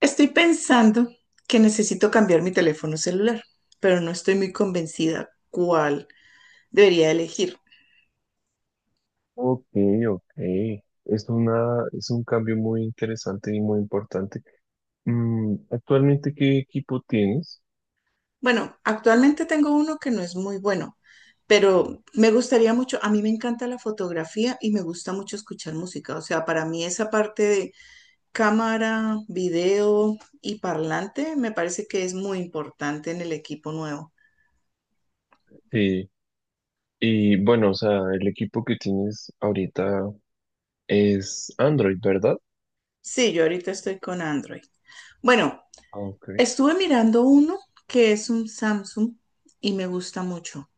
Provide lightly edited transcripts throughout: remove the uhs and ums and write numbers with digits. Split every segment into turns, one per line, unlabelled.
Estoy pensando que necesito cambiar mi teléfono celular, pero no estoy muy convencida cuál debería elegir.
Ok, ok. Es un cambio muy interesante y muy importante. Mm, ¿actualmente qué equipo tienes?
Bueno, actualmente tengo uno que no es muy bueno, pero me gustaría mucho, a mí me encanta la fotografía y me gusta mucho escuchar música. O sea, para mí esa parte de cámara, video y parlante me parece que es muy importante en el equipo nuevo.
Sí. Y bueno, o sea, el equipo que tienes ahorita es Android, ¿verdad?
Sí, yo ahorita estoy con Android. Bueno,
Ah, ok.
estuve mirando uno que es un Samsung y me gusta mucho.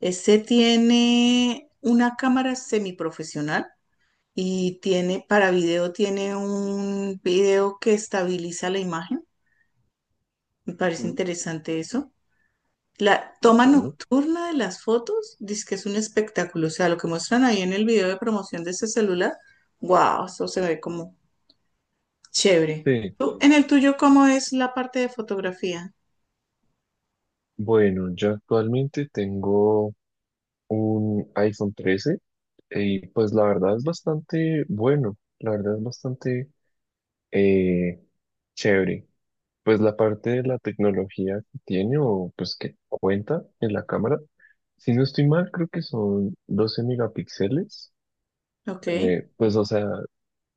Ese tiene una cámara semiprofesional y tiene para video, tiene un video que estabiliza la imagen. Me parece
Mm,
interesante eso. La toma
bacano.
nocturna de las fotos, dice que es un espectáculo. O sea, lo que muestran ahí en el video de promoción de ese celular, wow, eso se ve como chévere.
Sí.
En el tuyo, ¿cómo es la parte de fotografía?
Bueno, yo actualmente tengo un iPhone 13 y pues la verdad es bastante bueno. La verdad es bastante eh, chévere. Pues la parte de la tecnología que tiene o pues que cuenta en la cámara, si no estoy mal, creo que son 12 megapíxeles.
Ok.
Pues o sea,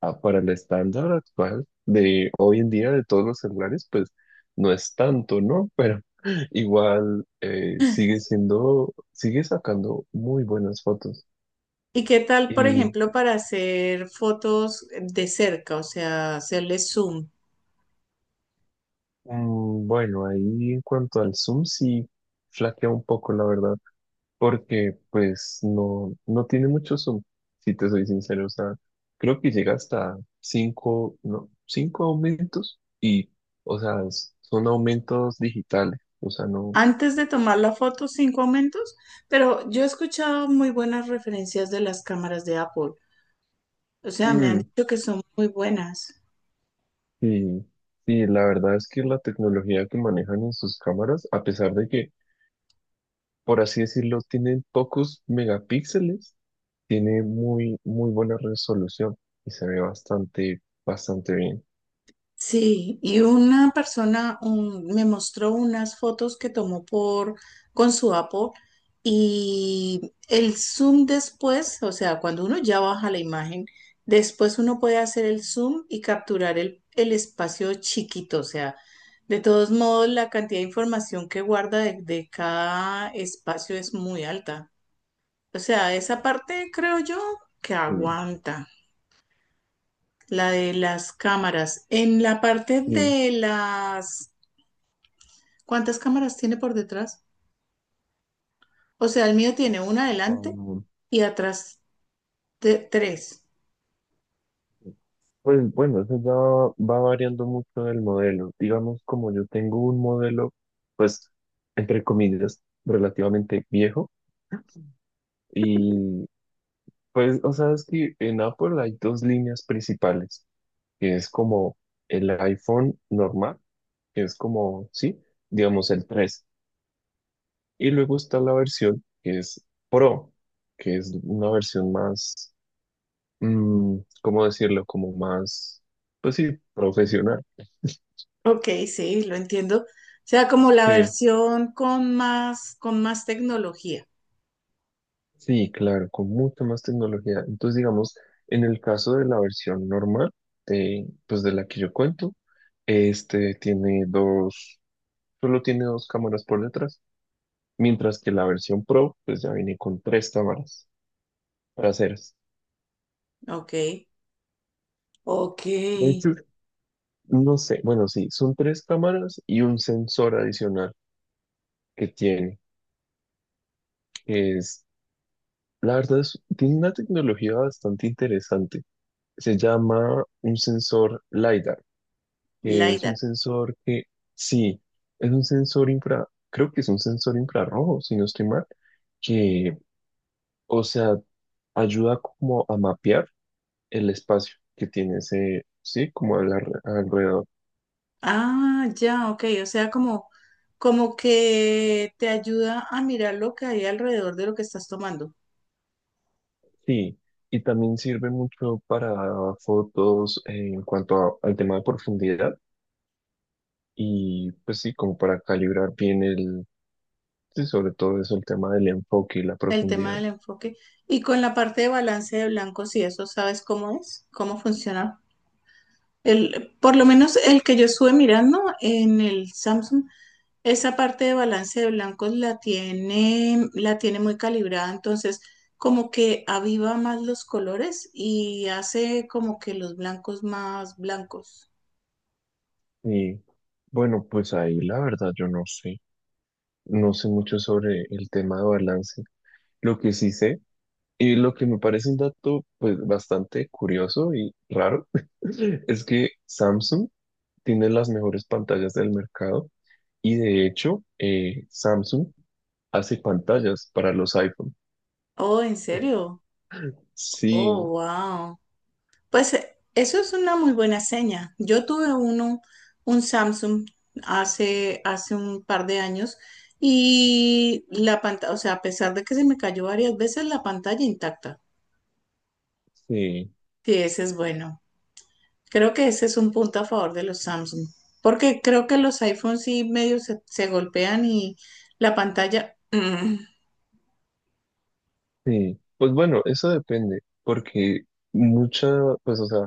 para el estándar actual de hoy en día de todos los celulares, pues no es tanto, ¿no? Pero igual sigue siendo, sigue sacando muy buenas fotos.
¿Y qué tal, por
Y
ejemplo, para hacer fotos de cerca, o sea, hacerle zoom?
mm, bueno, ahí en cuanto al zoom, sí flaquea un poco, la verdad. Porque pues no, no tiene mucho zoom, si te soy sincero, o sea, creo que llega hasta cinco, no, cinco aumentos y, o sea, son aumentos digitales, o sea, no,
Antes de tomar la foto, cinco aumentos, pero yo he escuchado muy buenas referencias de las cámaras de Apple. O sea, me han
mm,
dicho que son muy buenas.
sí, y la verdad es que la tecnología que manejan en sus cámaras, a pesar de que, por así decirlo, tienen pocos megapíxeles, tiene muy, muy buena resolución y se ve bastante, bastante bien.
Sí, y una me mostró unas fotos que tomó por con su Apple y el zoom después, o sea, cuando uno ya baja la imagen, después uno puede hacer el zoom y capturar el espacio chiquito, o sea, de todos modos la cantidad de información que guarda de cada espacio es muy alta. O sea, esa parte creo yo que
Sí,
aguanta. La de las cámaras. En la parte
sí.
de las... ¿Cuántas cámaras tiene por detrás? O sea, el mío tiene una adelante
Ah,
y atrás tres.
pues bueno, eso ya va, va variando mucho del modelo. Digamos, como yo tengo un modelo, pues, entre comillas, relativamente viejo. Y pues, o sea, es que en Apple hay dos líneas principales, que es como el iPhone normal, que es como, sí, digamos el tres. Y luego está la versión que es Pro, que es una versión más, mm, ¿cómo decirlo? Como más, pues sí, profesional.
Ok, sí, lo entiendo. O sea, como la
Sí.
versión con más tecnología.
Sí, claro, con mucha más tecnología. Entonces, digamos, en el caso de la versión normal, de, pues de la que yo cuento, este tiene dos, solo tiene dos cámaras por detrás, mientras que la versión Pro, pues ya viene con tres cámaras traseras.
Ok,
De
ok.
hecho, no sé, bueno, sí, son tres cámaras y un sensor adicional que tiene, que es, la verdad, tiene una tecnología bastante interesante. Se llama un sensor LiDAR. Que es un
LiDAR.
sensor que, sí, es un sensor infra, creo que es un sensor infrarrojo, si no estoy mal, que, o sea, ayuda como a mapear el espacio que tiene ese, sí, como al alrededor.
Ah, ya, ok. O sea, como, como que te ayuda a mirar lo que hay alrededor de lo que estás tomando.
Sí, y también sirve mucho para fotos en cuanto al tema de profundidad y pues sí, como para calibrar bien el, sí, sobre todo eso, el tema del enfoque y la
El tema
profundidad.
del enfoque. Y con la parte de balance de blancos y eso, ¿sabes cómo es? ¿Cómo funciona? El, por lo menos el que yo estuve mirando en el Samsung, esa parte de balance de blancos la tiene muy calibrada, entonces como que aviva más los colores y hace como que los blancos más blancos.
Y bueno, pues ahí la verdad yo no sé. No sé mucho sobre el tema de balance. Lo que sí sé y lo que me parece un dato pues bastante curioso y raro es que Samsung tiene las mejores pantallas del mercado y de hecho Samsung hace pantallas para los iPhone.
Oh, ¿en serio? Oh,
Sí,
wow. Pues eso es una muy buena seña. Yo tuve uno, un Samsung hace un par de años y la pantalla, o sea, a pesar de que se me cayó varias veces, la pantalla intacta.
sí,
Sí, ese es bueno. Creo que ese es un punto a favor de los Samsung, porque creo que los iPhones sí medio se golpean y la pantalla...
sí. Pues bueno, eso depende porque mucha, pues o sea,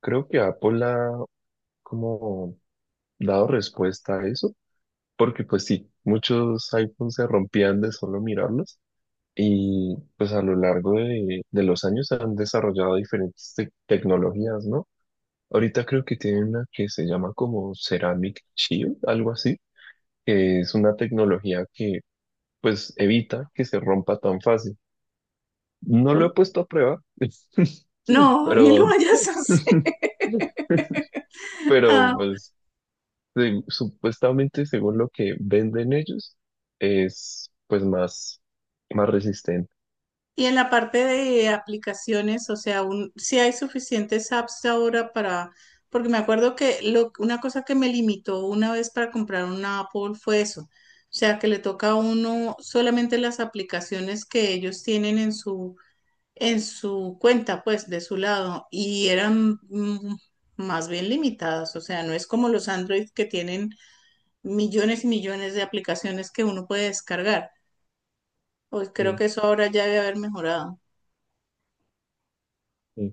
creo que Apple ha como dado respuesta a eso porque pues sí, muchos iPhones se rompían de solo mirarlos y pues a lo largo de los años se han desarrollado diferentes tecnologías, ¿no? Ahorita creo que tienen una que se llama como Ceramic Shield, algo así, que es una tecnología que pues evita que se rompa tan fácil. No lo he puesto a prueba,
no, ni lo
pero...
vayas a hacer.
Pero pues supuestamente, según lo que venden ellos, es pues más, más resistente.
Y en la parte de aplicaciones, o sea, un, si hay suficientes apps ahora para, porque me acuerdo que lo, una cosa que me limitó una vez para comprar una Apple fue eso, o sea, que le toca a uno solamente las aplicaciones que ellos tienen en su cuenta, pues, de su lado, y eran más bien limitadas, o sea, no es como los Android que tienen millones y millones de aplicaciones que uno puede descargar, pues creo
Mm,
que eso ahora ya debe haber mejorado.
mm.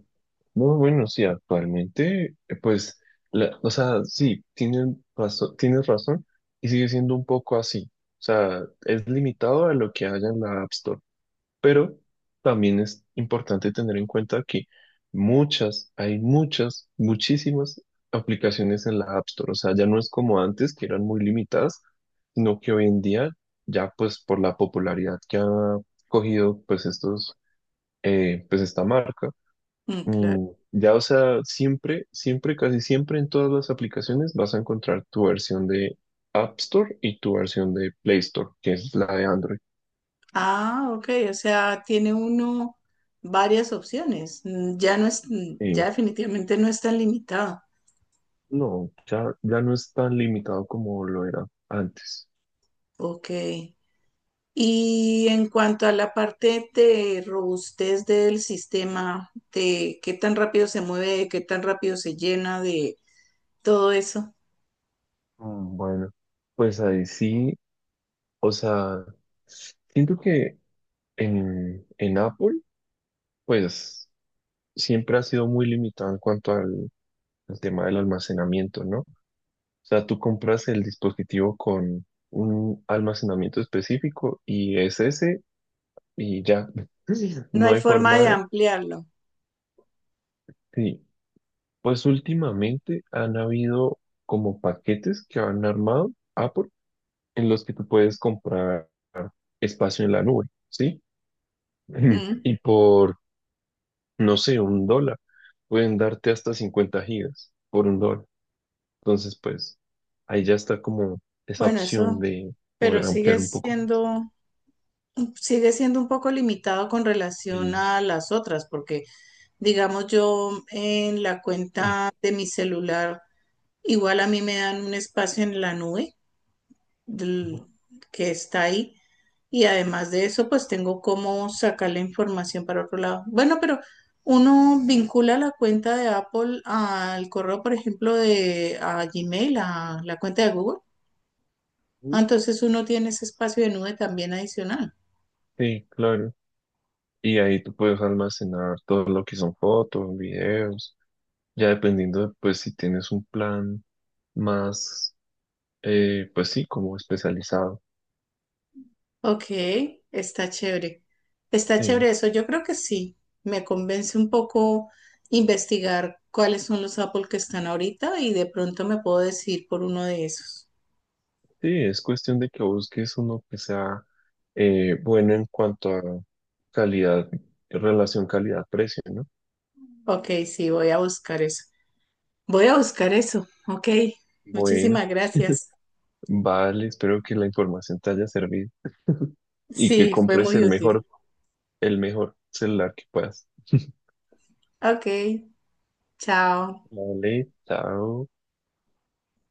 No, bueno, sí, actualmente, pues, o sea, sí, tienen razón, tienes razón y sigue siendo un poco así. O sea, es limitado a lo que haya en la App Store. Pero también es importante tener en cuenta que muchas, hay muchas, muchísimas aplicaciones en la App Store. O sea, ya no es como antes, que eran muy limitadas, sino que hoy en día, ya pues por la popularidad que ha cogido pues estos, pues esta marca,
Mm, claro.
mm, ya o sea, siempre, siempre, casi siempre en todas las aplicaciones vas a encontrar tu versión de App Store y tu versión de Play Store, que es la de Android.
Ah, ok, o sea, tiene uno varias opciones. Ya no es, ya
Eh,
definitivamente no es tan limitado.
No, ya, ya no es tan limitado como lo era antes.
Ok. Y en cuanto a la parte de robustez del sistema, de qué tan rápido se mueve, qué tan rápido se llena, de todo eso,
Mm, Bueno, pues ahí sí, o sea, siento que en Apple, pues siempre ha sido muy limitado en cuanto al, al tema del almacenamiento, ¿no? O sea, tú compras el dispositivo con un almacenamiento específico y es ese y ya.
no
No
hay
hay
forma
forma
de
de...
ampliarlo.
Sí, pues últimamente han habido como paquetes que han armado Apple en los que tú puedes comprar espacio en la nube, ¿sí?
Mm,
Y por, no sé, un dólar, pueden darte hasta 50 gigas por un dólar. Entonces, pues, ahí ya está como esa
Bueno,
opción
eso,
de
pero
poder ampliar un poco más.
sigue siendo un poco limitado con relación
Y,
a las otras, porque digamos, yo en la cuenta de mi celular, igual a mí me dan un espacio en la nube del- que está ahí. Y además de eso, pues tengo cómo sacar la información para otro lado. Bueno, pero uno vincula la cuenta de Apple al correo, por ejemplo, de a Gmail, a la cuenta de Google. Ah, entonces uno tiene ese espacio de nube también adicional.
sí, claro. Y ahí tú puedes almacenar todo lo que son fotos, videos, ya dependiendo de, pues, si tienes un plan más, pues sí, como especializado.
Ok, está chévere. Está
Sí.
chévere eso. Yo creo que sí. Me convence un poco investigar cuáles son los Apple que están ahorita y de pronto me puedo decidir por uno de esos.
Sí, es cuestión de que busques uno que sea bueno en cuanto a calidad, relación calidad-precio, ¿no?
Ok, sí, voy a buscar eso. Voy a buscar eso. Ok,
Bueno,
muchísimas gracias.
vale, espero que la información te haya servido y que
Sí, fue
compres
muy útil.
el mejor celular que puedas.
Ok, chao.
Vale, chao.